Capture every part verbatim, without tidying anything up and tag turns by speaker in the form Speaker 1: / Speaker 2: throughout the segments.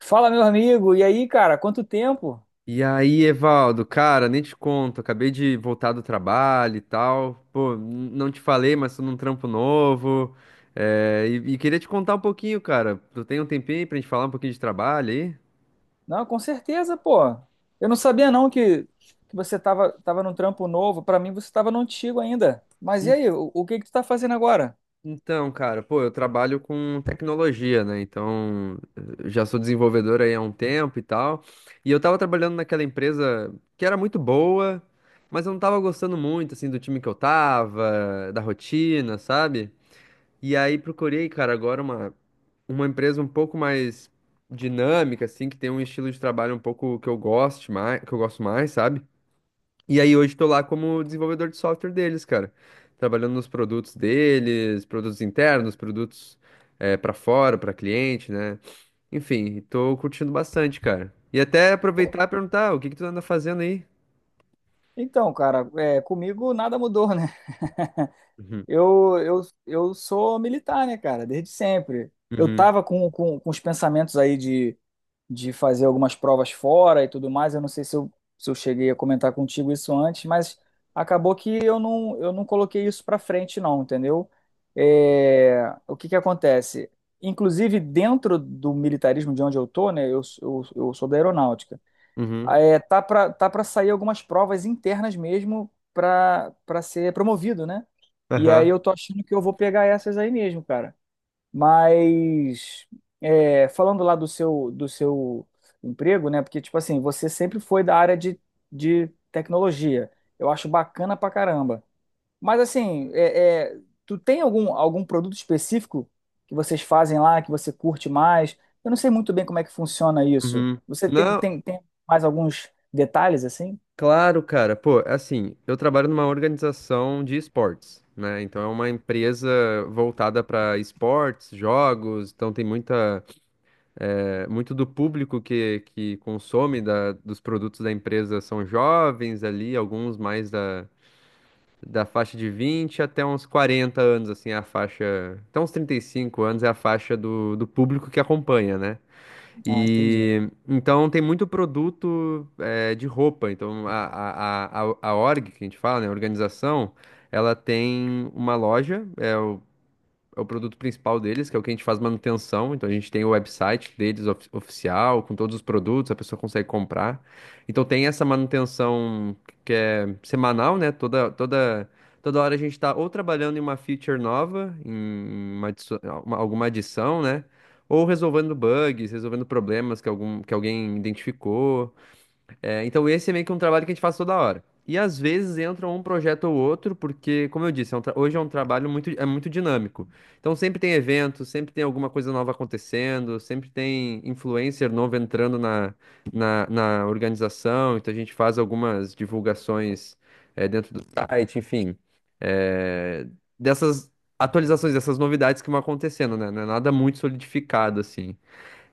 Speaker 1: Fala, meu amigo. E aí, cara, quanto tempo?
Speaker 2: E aí, Evaldo, cara, nem te conto, acabei de voltar do trabalho e tal. Pô, n- não te falei, mas tô num trampo novo. É, e, e queria te contar um pouquinho, cara. Tu tem um tempinho aí pra gente falar um pouquinho de trabalho aí?
Speaker 1: Não, com certeza, pô. Eu não sabia não que, que você tava, tava num trampo novo. Pra mim, você tava no antigo ainda. Mas e
Speaker 2: En-
Speaker 1: aí, o, o que que tu tá fazendo agora?
Speaker 2: Então, cara, pô, eu trabalho com tecnologia, né? Então, eu já sou desenvolvedor aí há um tempo e tal. E eu tava trabalhando naquela empresa que era muito boa, mas eu não tava gostando muito, assim, do time que eu tava, da rotina, sabe? E aí procurei, cara, agora uma, uma empresa um pouco mais dinâmica, assim, que tem um estilo de trabalho um pouco que eu goste mais, que eu gosto mais, sabe? E aí hoje tô lá como desenvolvedor de software deles, cara. Trabalhando nos produtos deles, produtos internos, produtos é, para fora, para cliente, né? Enfim, tô curtindo bastante, cara. E até aproveitar
Speaker 1: Pô,
Speaker 2: e perguntar, "Ah, o que que tu anda fazendo aí?"
Speaker 1: Então, cara, é, comigo nada mudou, né?
Speaker 2: Uhum,
Speaker 1: Eu, eu, eu sou militar, né, cara, desde sempre. Eu
Speaker 2: uhum,
Speaker 1: tava com, com, com os pensamentos aí de fazer algumas provas fora e tudo mais. Eu não sei se eu, se eu cheguei a comentar contigo isso antes, mas acabou que eu não, eu não coloquei isso para frente, não, entendeu? É, o que que acontece? Inclusive, dentro do militarismo de onde eu tô, né? Eu, eu, eu sou da aeronáutica.
Speaker 2: uhum,
Speaker 1: É, tá para tá para sair algumas provas internas mesmo para para ser promovido, né? E aí
Speaker 2: aham,
Speaker 1: eu tô achando que eu vou pegar essas aí mesmo, cara. Mas é, falando lá do seu do seu emprego, né? Porque tipo assim, você sempre foi da área de, de tecnologia. Eu acho bacana pra caramba. Mas assim, é, é, tu tem algum algum produto específico que vocês fazem lá que você curte mais? Eu não sei muito bem como é que funciona isso.
Speaker 2: uhum.
Speaker 1: Você tem
Speaker 2: Não,
Speaker 1: tem, tem mais alguns detalhes assim?
Speaker 2: claro, cara. Pô, assim, eu trabalho numa organização de esportes, né? Então é uma empresa voltada para esportes, jogos, então tem muita, é, muito do público que, que consome da- dos produtos da empresa são jovens ali, alguns mais da, da faixa de vinte até uns quarenta anos, assim, é a faixa. Até uns trinta e cinco anos é a faixa do, do público que acompanha, né?
Speaker 1: Ah, entendi.
Speaker 2: E então tem muito produto eh, de roupa. Então a, a, a, a a org que a gente fala, né, a organização, ela tem uma loja, é o produto principal deles, que é o que a gente faz manutenção. Então a gente tem o website deles ofi- oficial, com todos os produtos, a pessoa consegue comprar. Então tem essa manutenção que é semanal, né? Toda, toda, toda hora a gente está ou trabalhando em uma feature nova, em uma adiço- uma- alguma adição, né? Ou resolvendo bugs, resolvendo problemas que algum, que alguém identificou. É, então esse é meio que um trabalho que a gente faz toda hora. E às vezes entra um projeto ou outro, porque, como eu disse, é um tra- hoje é um trabalho muito, é muito dinâmico. Então sempre tem evento, sempre tem alguma coisa nova acontecendo, sempre tem influencer novo entrando na, na, na organização. Então a gente faz algumas divulgações, é, dentro do site, enfim. É, dessas atualizações, dessas novidades que vão acontecendo, né? Não é nada muito solidificado, assim.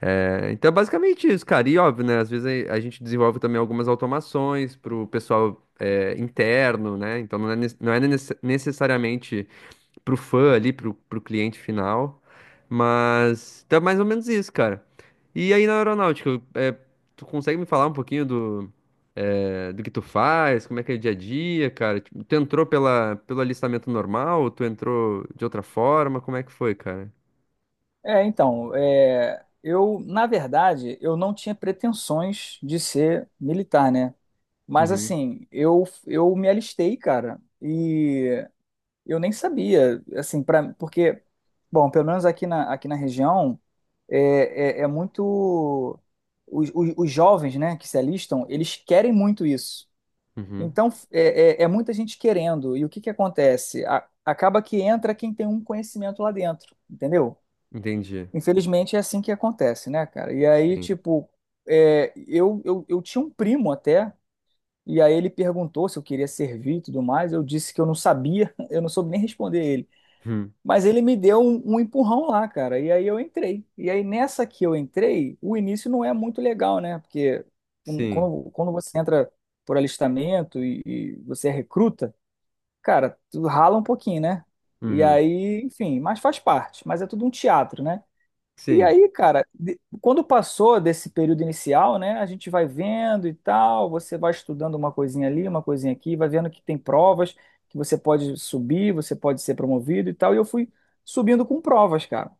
Speaker 2: É, então é basicamente isso, cara. E óbvio, né? Às vezes a, a gente desenvolve também algumas automações para o pessoal é, interno, né? Então não é, nes- não é nece- necessariamente para o fã ali, para o cliente final. Mas então é mais ou menos isso, cara. E aí na aeronáutica, é, tu consegue me falar um pouquinho do, é, do que tu faz? Como é que é o dia a dia, cara? Tipo, tu entrou pela, pelo alistamento normal? Ou tu entrou de outra forma? Como é que foi, cara?
Speaker 1: É, então, é, eu, na verdade, eu não tinha pretensões de ser militar, né? Mas
Speaker 2: Uhum,
Speaker 1: assim, eu eu me alistei, cara, e eu nem sabia, assim, para porque, bom, pelo menos aqui na, aqui na região é, é, é muito os, os, os jovens, né, que se alistam, eles querem muito isso.
Speaker 2: uhum,
Speaker 1: Então é, é, é muita gente querendo. E o que que acontece? A- acaba que entra quem tem um conhecimento lá dentro, entendeu?
Speaker 2: entendi.
Speaker 1: Infelizmente é assim que acontece, né, cara? E aí,
Speaker 2: Sim.
Speaker 1: tipo, é, eu, eu, eu tinha um primo até. E aí ele perguntou se eu queria servir e tudo mais. Eu disse que eu não sabia, eu não soube nem responder ele.
Speaker 2: Hum,
Speaker 1: Mas ele me deu um, um empurrão lá, cara. E aí eu entrei. E aí nessa que eu entrei, o início não é muito legal, né? Porque um,
Speaker 2: sim.
Speaker 1: quando, quando você entra por alistamento e, e você é recruta, cara, tu rala um pouquinho, né? E
Speaker 2: Uhum.
Speaker 1: aí, enfim, mas faz parte. Mas é tudo um teatro, né? E
Speaker 2: Sim,
Speaker 1: aí, cara, de- quando passou desse período inicial, né, a gente vai vendo e tal, você vai estudando uma coisinha ali, uma coisinha aqui, vai vendo que tem provas, que você pode subir, você pode ser promovido e tal, e eu fui subindo com provas, cara.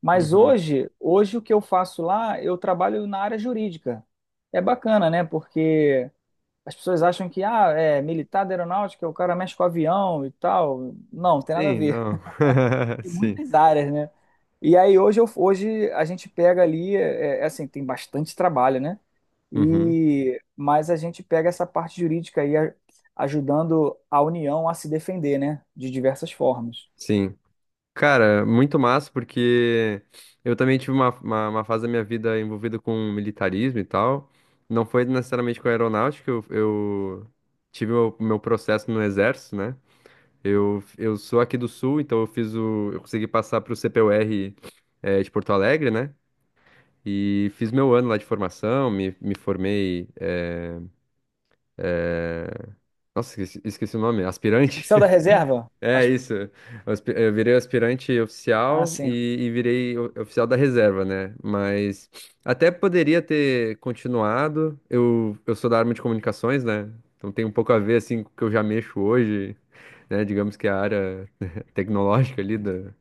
Speaker 1: Mas
Speaker 2: Uhum.
Speaker 1: hoje, hoje o que eu faço lá, eu trabalho na área jurídica. É bacana, né, porque as pessoas acham que, ah, é militar da aeronáutica, o cara mexe com avião e tal. Não, tem nada a
Speaker 2: Sim,
Speaker 1: ver.
Speaker 2: não.
Speaker 1: Tem
Speaker 2: Sim.
Speaker 1: muitas áreas, né? E aí hoje, eu, hoje a gente pega ali, é, é assim, tem bastante trabalho, né?
Speaker 2: Uhum.
Speaker 1: E, mas a gente pega essa parte jurídica aí a- ajudando a União a se defender, né? De diversas formas.
Speaker 2: Sim. Cara, muito massa, porque eu também tive uma, uma, uma fase da minha vida envolvida com militarismo e tal. Não foi necessariamente com aeronáutica, eu, eu tive o meu processo no exército, né? Eu, eu sou aqui do sul, então eu fiz o, eu consegui passar para o C P U R, eh, de Porto Alegre, né? E fiz meu ano lá de formação, me, me formei. Nossa, esqueci, esqueci o nome. Aspirante?
Speaker 1: Oficial da reserva?
Speaker 2: É
Speaker 1: As-
Speaker 2: isso. Eu aspi- eu virei aspirante
Speaker 1: Ah,
Speaker 2: oficial
Speaker 1: sim.
Speaker 2: e, e virei o- oficial da reserva, né? Mas até poderia ter continuado. Eu, eu sou da arma de comunicações, né? Então tem um pouco a ver, assim, com o que eu já mexo hoje, né? Digamos que é a área tecnológica ali do,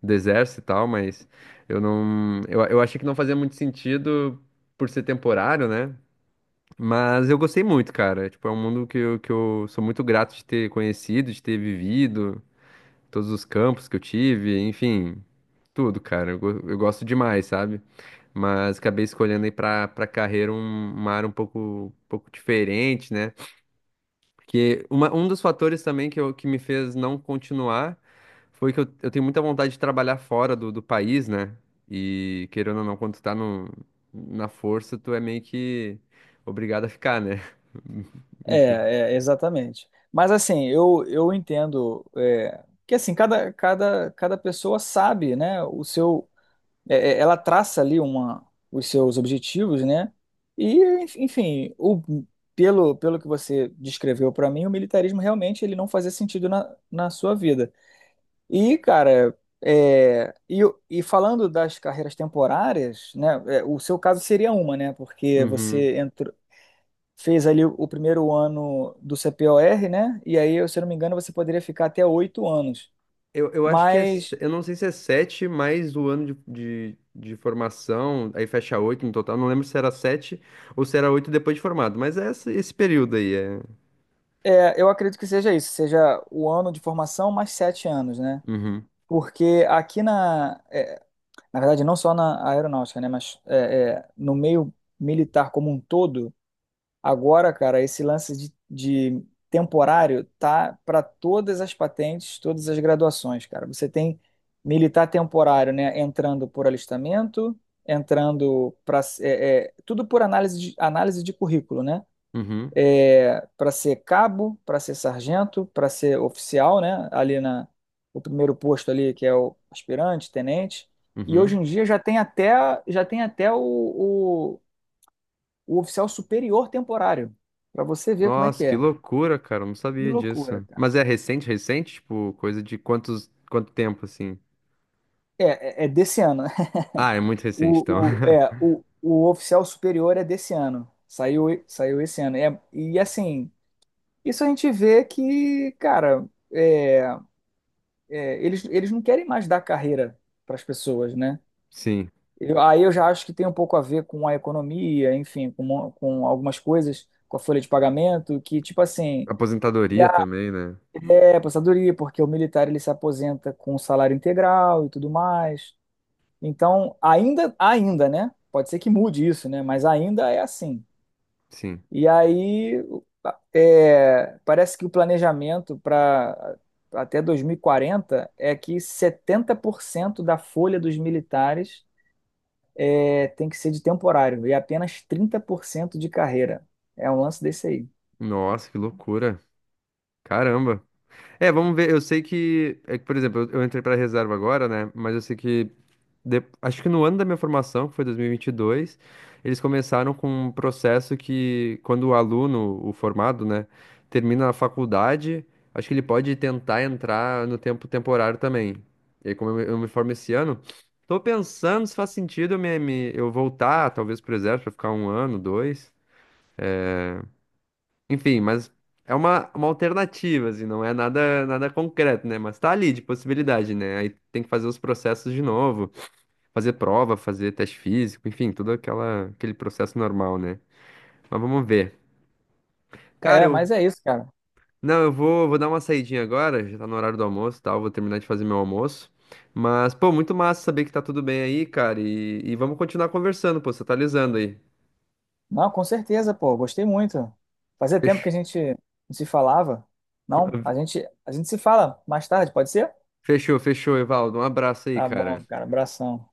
Speaker 2: do exército e tal, mas eu não... Eu, eu achei que não fazia muito sentido por ser temporário, né? Mas eu gostei muito, cara. Tipo, é um mundo que eu, que eu sou muito grato de ter conhecido, de ter vivido, todos os campos que eu tive, enfim, tudo, cara. Eu, go- eu gosto demais, sabe? Mas acabei escolhendo aí pra, pra carreira um- uma área um pouco, um pouco diferente, né? Que uma- um dos fatores também que, eu, que me fez não continuar foi que eu, eu tenho muita vontade de trabalhar fora do, do país, né? E querendo ou não, quando tu tá no, na força, tu é meio que obrigado a ficar, né? Enfim.
Speaker 1: É, é, exatamente. Mas assim, eu, eu entendo é, que assim, cada, cada, cada pessoa sabe, né, o seu, é, é, ela traça ali uma, os seus objetivos, né? E, enfim, o, pelo, pelo que você descreveu para mim, o militarismo realmente ele não fazia sentido na, na sua vida. E, cara, é, e, e falando das carreiras temporárias, né? É, o seu caso seria uma, né? Porque
Speaker 2: Uhum.
Speaker 1: você entrou, fez ali o primeiro ano do C P O R, né? E aí, se eu não me engano, você poderia ficar até oito anos.
Speaker 2: Eu, eu acho que é.
Speaker 1: Mas
Speaker 2: se- Eu não sei se é sete mais o ano de, de, de formação, aí fecha oito no total. Não lembro se era sete ou se era oito depois de formado, mas é esse, esse período aí. É...
Speaker 1: É, eu acredito que seja isso, seja o ano de formação mais sete anos, né?
Speaker 2: Uhum,
Speaker 1: Porque aqui na, é, na verdade, não só na aeronáutica, né? Mas é, é, no meio militar como um todo, agora, cara, esse lance de, de temporário tá para todas as patentes, todas as graduações, cara. Você tem militar temporário, né? Entrando por alistamento, entrando para tudo por análise de, análise de currículo, né?
Speaker 2: uhum,
Speaker 1: Para ser cabo, para ser sargento, para ser oficial, né? Ali na O primeiro posto ali que é o aspirante, tenente. E hoje
Speaker 2: uhum.
Speaker 1: em dia já tem até já tem até o, o, o oficial superior temporário, para você ver como é
Speaker 2: Nossa,
Speaker 1: que
Speaker 2: que
Speaker 1: é.
Speaker 2: loucura, cara. Eu não
Speaker 1: Que
Speaker 2: sabia
Speaker 1: loucura,
Speaker 2: disso.
Speaker 1: cara.
Speaker 2: Mas é recente, recente? Tipo, coisa de quantos, quanto tempo, assim?
Speaker 1: É, é, é desse ano.
Speaker 2: Ah, é muito recente, então.
Speaker 1: O, o, é, o, o oficial superior é desse ano. Saiu, saiu esse ano. É, e assim, isso a gente vê que, cara, é, é, eles, eles não querem mais dar carreira para as pessoas, né?
Speaker 2: Sim.
Speaker 1: Eu- aí eu já acho que tem um pouco a ver com a economia, enfim, com, mo- com algumas coisas, com a folha de pagamento, que tipo assim, e
Speaker 2: Aposentadoria
Speaker 1: a,
Speaker 2: também, né?
Speaker 1: é aposentadoria, porque o militar ele se aposenta com um salário integral e tudo mais. Então, ainda, ainda, né? Pode ser que mude isso, né? Mas ainda é assim.
Speaker 2: Sim.
Speaker 1: E aí, é, parece que o planejamento para até dois mil e quarenta é que setenta por cento da folha dos militares é, tem que ser de temporário e apenas trinta por cento de carreira. É um lance desse aí.
Speaker 2: Nossa, que loucura. Caramba. É, vamos ver. Eu sei que, é que, por exemplo, eu eu entrei pra reserva agora, né? Mas eu sei que de- acho que no ano da minha formação, que foi dois mil e vinte e dois, eles começaram com um processo que, quando o aluno, o formado, né, termina a faculdade, acho que ele pode tentar entrar no tempo temporário também. E aí, como eu, me eu me formo esse ano, tô pensando se faz sentido eu, me, me- eu voltar, talvez, pro exército, pra ficar um ano, dois. Enfim, mas é uma, uma alternativa, assim, não é nada, nada concreto, né? Mas tá ali de possibilidade, né? Aí tem que fazer os processos de novo, fazer prova, fazer teste físico, enfim, todo aquela, aquele processo normal, né? Mas vamos ver. Cara,
Speaker 1: É,
Speaker 2: eu,
Speaker 1: mas é isso, cara.
Speaker 2: não, eu vou, vou dar uma saidinha agora, já tá no horário do almoço e tal, vou terminar de fazer meu almoço. Mas, pô, muito massa saber que tá tudo bem aí, cara, e, e vamos continuar conversando, pô, você tá alisando aí.
Speaker 1: Não, com certeza, pô, gostei muito. Fazia tempo que
Speaker 2: Fech-
Speaker 1: a gente não se falava. Não, a gente, a gente se fala mais tarde, pode ser?
Speaker 2: Fechou, fechou, Evaldo, um abraço aí,
Speaker 1: Tá bom,
Speaker 2: cara.
Speaker 1: cara, abração.